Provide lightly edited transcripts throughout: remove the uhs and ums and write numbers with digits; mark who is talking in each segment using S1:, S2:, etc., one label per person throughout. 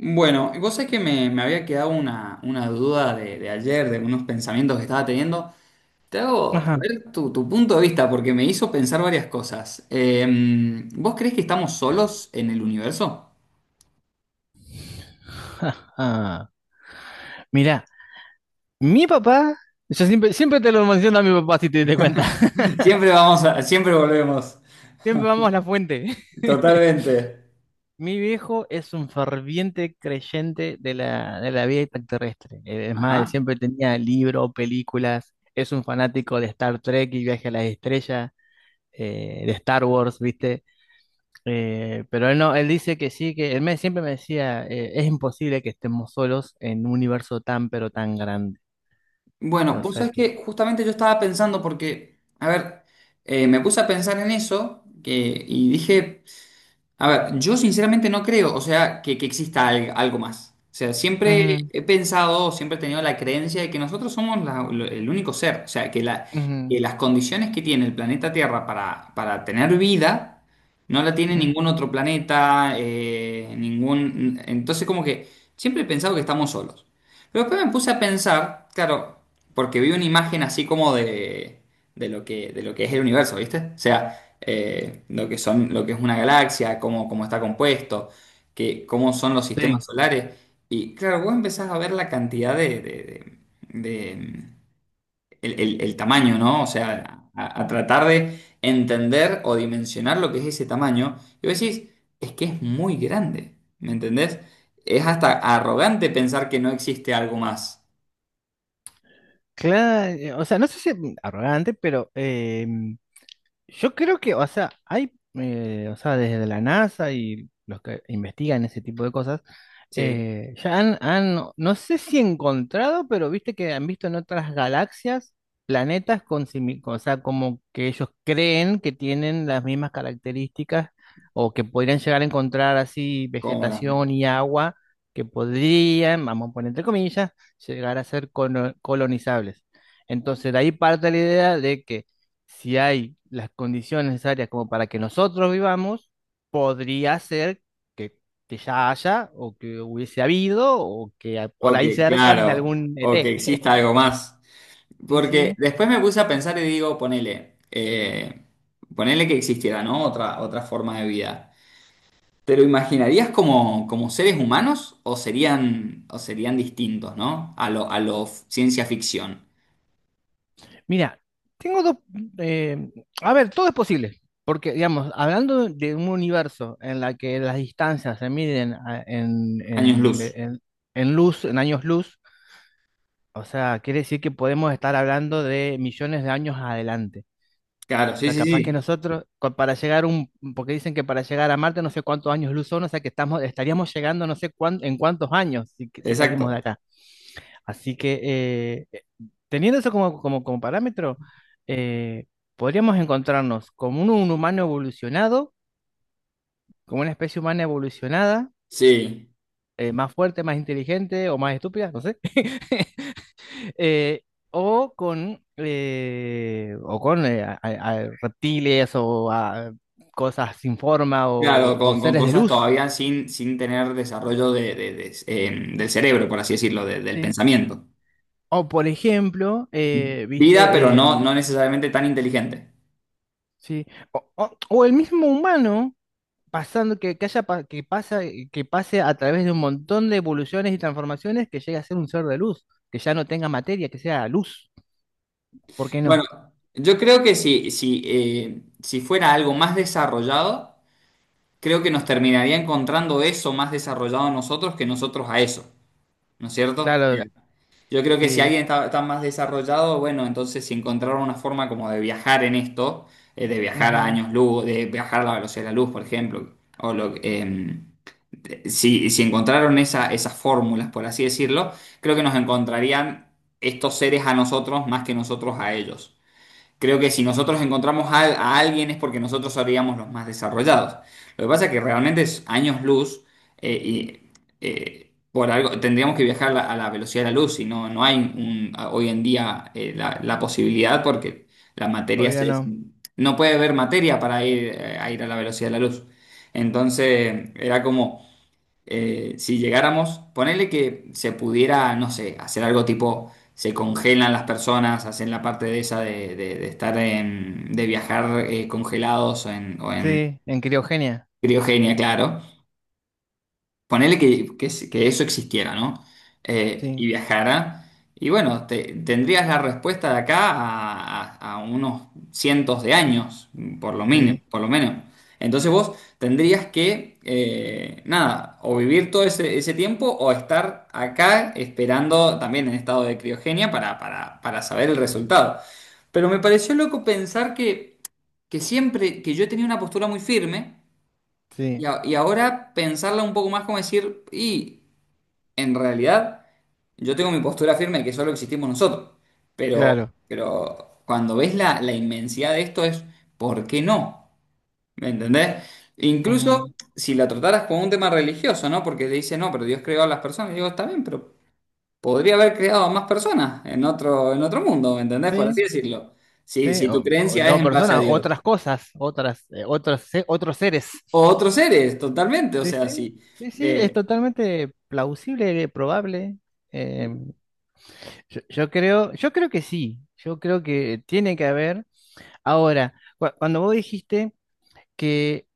S1: Bueno, y vos sabés que me había quedado una duda de ayer, de unos pensamientos que estaba teniendo. Te hago, a
S2: Ajá.
S1: ver, tu punto de vista, porque me hizo pensar varias cosas. ¿Vos creés que estamos solos en el universo?
S2: Ajá. Mira, mi papá, yo siempre, siempre te lo menciono a mi papá si te diste cuenta.
S1: Siempre vamos a, siempre volvemos.
S2: Siempre vamos a la fuente.
S1: Totalmente.
S2: Mi viejo es un ferviente creyente de la vida extraterrestre. Es más, él
S1: Ajá.
S2: siempre tenía libros, películas. Es un fanático de Star Trek y Viaje a las Estrellas, de Star Wars, ¿viste? Pero él no, él dice que sí, que siempre me decía, es imposible que estemos solos en un universo tan, pero tan grande.
S1: Bueno,
S2: O
S1: vos
S2: sea
S1: sabés
S2: que...
S1: que justamente yo estaba pensando porque, a ver, me puse a pensar en eso que, y dije. A ver, yo sinceramente no creo, o sea, que exista algo más. O sea, siempre he pensado, siempre he tenido la creencia de que nosotros somos el único ser. O sea, que, que
S2: Ujú,
S1: las condiciones que tiene el planeta Tierra para tener vida no la tiene ningún
S2: ujú.
S1: otro planeta, ningún... Entonces, como que siempre he pensado que estamos solos. Pero después me puse a pensar, claro, porque vi una imagen así como de lo que es el universo, ¿viste? O sea, lo que son, lo que es una galaxia, cómo, cómo está compuesto, que, cómo son los
S2: Sí,
S1: sistemas solares. Y claro, vos empezás a ver la cantidad de, de- el, el tamaño, ¿no? O sea, a tratar de entender o dimensionar lo que es ese tamaño. Y vos decís, es que es muy grande, ¿me entendés? Es hasta arrogante pensar que no existe algo más.
S2: claro, o sea, no sé si arrogante, pero yo creo que, o sea, o sea, desde la NASA y los que investigan ese tipo de cosas,
S1: Sí,
S2: han, no sé si encontrado, pero viste que han visto en otras galaxias planetas con o sea, como que ellos creen que tienen las mismas características o que podrían llegar a encontrar así
S1: como las...
S2: vegetación y agua que podrían, vamos a poner entre comillas, llegar a ser colonizables. Entonces, de ahí parte la idea de que si hay las condiciones necesarias como para que nosotros vivamos, podría ser que, que ya haya o que hubiese habido o que por
S1: Ok,
S2: ahí cercan de
S1: claro.
S2: algún
S1: O que
S2: ET.
S1: exista algo más.
S2: Sí,
S1: Porque
S2: sí.
S1: después me puse a pensar y digo, ponele, ponele que existiera, ¿no? Otra, otra forma de vida. ¿Te lo imaginarías como, como seres humanos o serían distintos, ¿no? A lo ciencia ficción.
S2: Mira, tengo dos... eh, a ver, todo es posible. Porque, digamos, hablando de un universo en la que las distancias se miden
S1: Años luz.
S2: en luz, en años luz, o sea, quiere decir que podemos estar hablando de millones de años adelante.
S1: Claro,
S2: O
S1: sí,
S2: sea,
S1: sí,
S2: capaz que
S1: sí.
S2: para llegar un, porque dicen que para llegar a Marte no sé cuántos años luz son, o sea que estaríamos llegando no sé en cuántos años si, si salimos de
S1: Exacto.
S2: acá. Así que teniendo eso como, como parámetro, eh, podríamos encontrarnos como un humano evolucionado, como una especie humana evolucionada,
S1: Sí.
S2: más fuerte, más inteligente o más estúpida, no sé. Eh, o con, o con a reptiles o a cosas sin forma
S1: Claro,
S2: o
S1: con
S2: seres de
S1: cosas
S2: luz,
S1: todavía sin, sin tener desarrollo de, del cerebro, por así decirlo, del
S2: ¿sí?
S1: pensamiento.
S2: O por ejemplo,
S1: Vida, pero
S2: viste,
S1: no, no necesariamente tan inteligente.
S2: ¿sí? O el mismo humano pasando que haya pa- que pasa, que pase a través de un montón de evoluciones y transformaciones que llegue a ser un ser de luz, que ya no tenga materia, que sea luz. ¿Por qué
S1: Bueno,
S2: no?
S1: yo creo que si, si, si fuera algo más desarrollado, creo que nos terminaría encontrando eso más desarrollado a nosotros que nosotros a eso, ¿no es cierto? Sí.
S2: Claro,
S1: Yo creo que si
S2: sí.
S1: alguien está, está más desarrollado, bueno, entonces si encontraron una forma como de viajar en esto, de viajar a
S2: Ujú,
S1: años luz, de viajar a la velocidad de la luz, por ejemplo, o lo, si, si encontraron esa, esas fórmulas, por así decirlo, creo que nos encontrarían estos seres a nosotros más que nosotros a ellos. Creo que si nosotros encontramos a alguien es porque nosotros seríamos los más desarrollados. Lo que pasa es que realmente es años luz y por algo tendríamos que viajar a la velocidad de la luz y no, no hay hoy en día la, la posibilidad porque la materia
S2: obvio
S1: se,
S2: no.
S1: no puede haber materia para ir, a ir a la velocidad de la luz. Entonces era como si llegáramos, ponerle que se pudiera, no sé, hacer algo tipo, se congelan las personas, hacen la parte de esa de, de estar en, de viajar congelados o en
S2: Sí, en criogenia.
S1: criogenia, claro. Ponele que, que eso existiera, ¿no?
S2: Sí.
S1: Y viajara. Y bueno, tendrías la respuesta de acá a, a unos cientos de años, por lo mínimo,
S2: Sí,
S1: por lo menos. Entonces vos tendrías que, nada, o vivir todo ese, ese tiempo o estar acá esperando también en estado de criogenia para saber el resultado. Pero me pareció loco pensar que siempre, que yo tenía una postura muy firme. Y,
S2: sí,
S1: y ahora pensarla un poco más como decir, y en realidad yo tengo mi postura firme de que solo existimos nosotros, pero,
S2: claro.
S1: pero cuando ves la, la inmensidad de esto es, ¿por qué no? ¿Me entendés? Incluso
S2: Ujú.
S1: si la trataras como un tema religioso, ¿no? Porque te dice, no, pero Dios creó a las personas, y digo, está bien, pero podría haber creado a más personas en otro mundo, ¿me entendés? Por así
S2: Sí,
S1: decirlo. Si,
S2: sí,
S1: si tu
S2: o-
S1: creencia
S2: no
S1: es en base a
S2: personas,
S1: Dios.
S2: otras cosas, otros seres.
S1: O otros seres, totalmente, o
S2: Sí,
S1: sea,
S2: sí,
S1: sí.
S2: sí, sí, es
S1: eh,
S2: totalmente plausible, probable. Eh, yo creo que sí, yo creo que tiene que haber. Ahora, cuando vos dijiste que,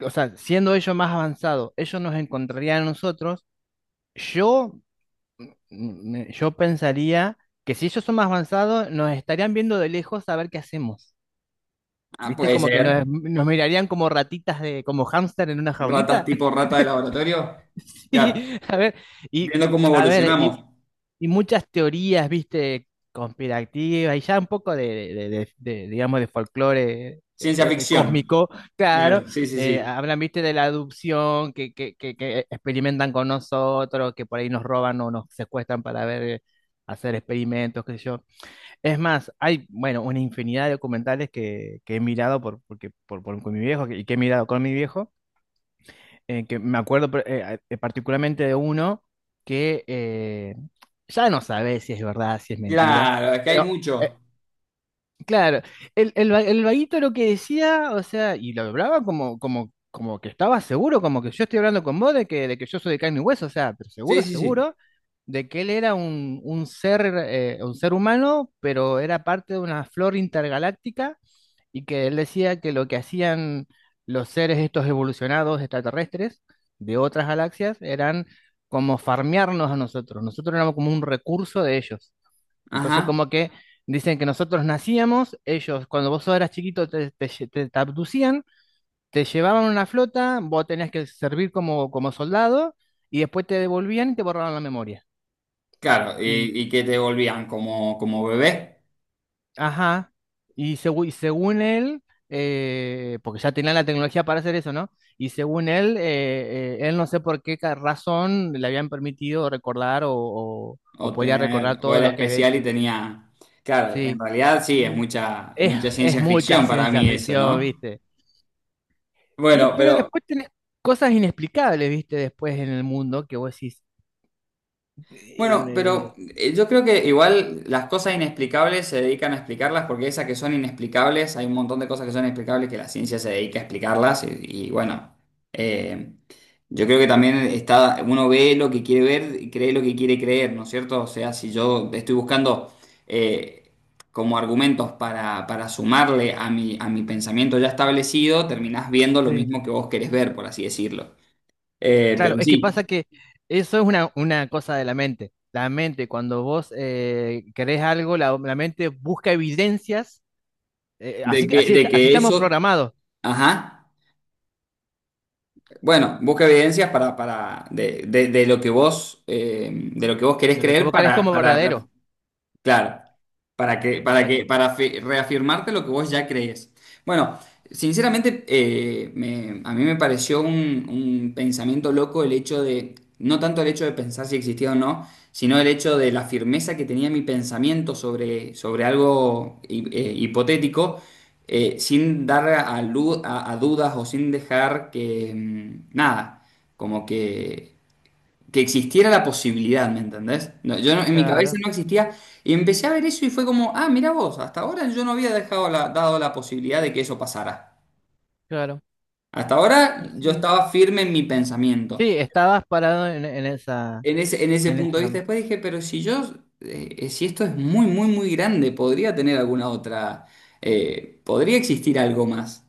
S2: o sea, siendo ellos más avanzados, ellos nos encontrarían a nosotros, yo yo pensaría que si ellos son más avanzados, nos estarían viendo de lejos a ver qué hacemos.
S1: Ah,
S2: ¿Viste?
S1: puede
S2: Como que
S1: ser.
S2: nos mirarían como ratitas de, como hámster en una
S1: Ratas
S2: jaulita.
S1: tipo rata de laboratorio.
S2: Sí,
S1: Claro.
S2: a ver, y
S1: Viendo cómo
S2: a ver, y
S1: evolucionamos.
S2: y muchas teorías, viste, conspirativas y ya un poco de, digamos, de folclore
S1: Ciencia ficción.
S2: cósmico, claro,
S1: Claro, sí, sí, sí.
S2: hablan, viste, de la adopción que experimentan con nosotros, que por ahí nos roban o nos secuestran para ver, hacer experimentos, qué sé yo. Es más, hay, bueno, una infinidad de documentales que he mirado por, porque, por- con mi viejo y que he mirado con mi viejo que me acuerdo particularmente de uno que ya no sabe si es verdad, si es mentira,
S1: Claro, es que hay
S2: pero eh,
S1: mucho.
S2: claro, el vaguito lo que decía, o sea, y lo hablaba como, como que estaba seguro, como que yo estoy hablando con vos de que yo soy de carne y hueso, o sea, pero
S1: Sí,
S2: seguro,
S1: sí, sí.
S2: seguro de que él era un ser humano, pero era parte de una flor intergaláctica y que él decía que lo que hacían los seres estos evolucionados extraterrestres de otras galaxias eran como farmearnos a nosotros, nosotros éramos como un recurso de ellos. Entonces
S1: Ajá.
S2: como que dicen que nosotros nacíamos, ellos cuando vos eras chiquito te abducían, te llevaban a una flota, vos tenías que servir como, como soldado y después te devolvían y te borraban la memoria.
S1: Claro, y que te volvían como, como bebé.
S2: Ajá. Y, y según él, porque ya tenía la tecnología para hacer eso, ¿no? Y según él, él no sé por qué razón le habían permitido recordar
S1: O
S2: o podía
S1: tener,
S2: recordar
S1: o
S2: todo
S1: era
S2: lo que había
S1: especial y
S2: hecho.
S1: tenía. Claro,
S2: Sí.
S1: en realidad sí, es
S2: Y
S1: mucha, mucha
S2: es
S1: ciencia
S2: mucha
S1: ficción para
S2: ciencia
S1: mí eso,
S2: ficción,
S1: ¿no?
S2: ¿viste? Y,
S1: Bueno,
S2: pero
S1: pero
S2: después tenés cosas inexplicables, ¿viste? Después en el mundo que vos decís. eh,
S1: Bueno,
S2: eh,
S1: pero
S2: eh,
S1: yo creo que igual las cosas inexplicables se dedican a explicarlas porque esas que son inexplicables, hay un montón de cosas que son inexplicables que la ciencia se dedica a explicarlas y bueno, eh, yo creo que también está, uno ve lo que quiere ver y cree lo que quiere creer, ¿no es cierto? O sea, si yo estoy buscando eh, como argumentos para sumarle a mi pensamiento ya establecido, terminás viendo lo
S2: sí.
S1: mismo que vos querés ver, por así decirlo.
S2: Claro,
S1: Pero
S2: es que
S1: sí,
S2: pasa que eso es una cosa de la mente. La mente, cuando vos querés algo, la mente busca evidencias. Así,
S1: de
S2: así
S1: que
S2: estamos
S1: eso...
S2: programados,
S1: Ajá. Bueno, busca evidencias para de, de lo que vos, de lo que vos querés
S2: de lo que
S1: creer
S2: vos crees
S1: para,
S2: como
S1: para.
S2: verdadero.
S1: Claro, para que, para que,
S2: Exacto.
S1: para reafirmarte lo que vos ya crees. Bueno, sinceramente, a mí me pareció un pensamiento loco el hecho de, no tanto el hecho de pensar si existía o no, sino el hecho de la firmeza que tenía mi pensamiento sobre, sobre algo hipotético, sin dar a, a dudas o sin dejar que, nada, como que existiera la posibilidad, ¿me entendés? No, yo no- en mi cabeza
S2: Claro,
S1: no existía y empecé a ver eso y fue como, ah, mira vos, hasta ahora yo no había dejado dado la posibilidad de que eso pasara.
S2: claro.
S1: Hasta
S2: Y
S1: ahora yo
S2: sí.
S1: estaba firme en mi pensamiento,
S2: Sí, estabas parado en esa,
S1: en ese
S2: en
S1: punto de vista.
S2: esa.
S1: Después dije, pero si yo, si esto es muy, muy, muy grande, podría tener alguna otra, podría existir algo más.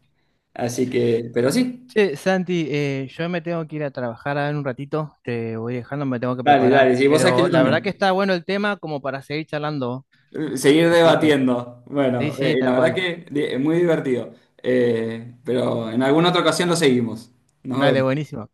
S1: Así que, pero sí,
S2: Sí, Santi, yo me tengo que ir a trabajar ahora en un ratito, te voy dejando, me tengo que
S1: dale,
S2: preparar.
S1: dale, sí, vos sabés que
S2: Pero
S1: yo
S2: la verdad que
S1: también.
S2: está bueno el tema como para seguir charlando.
S1: Seguir
S2: Así que,
S1: debatiendo.
S2: sí,
S1: Bueno,
S2: sí,
S1: la
S2: tal
S1: verdad
S2: cual.
S1: que es muy divertido. Pero en alguna otra ocasión lo seguimos. Nos
S2: Dale,
S1: vemos.
S2: buenísimo.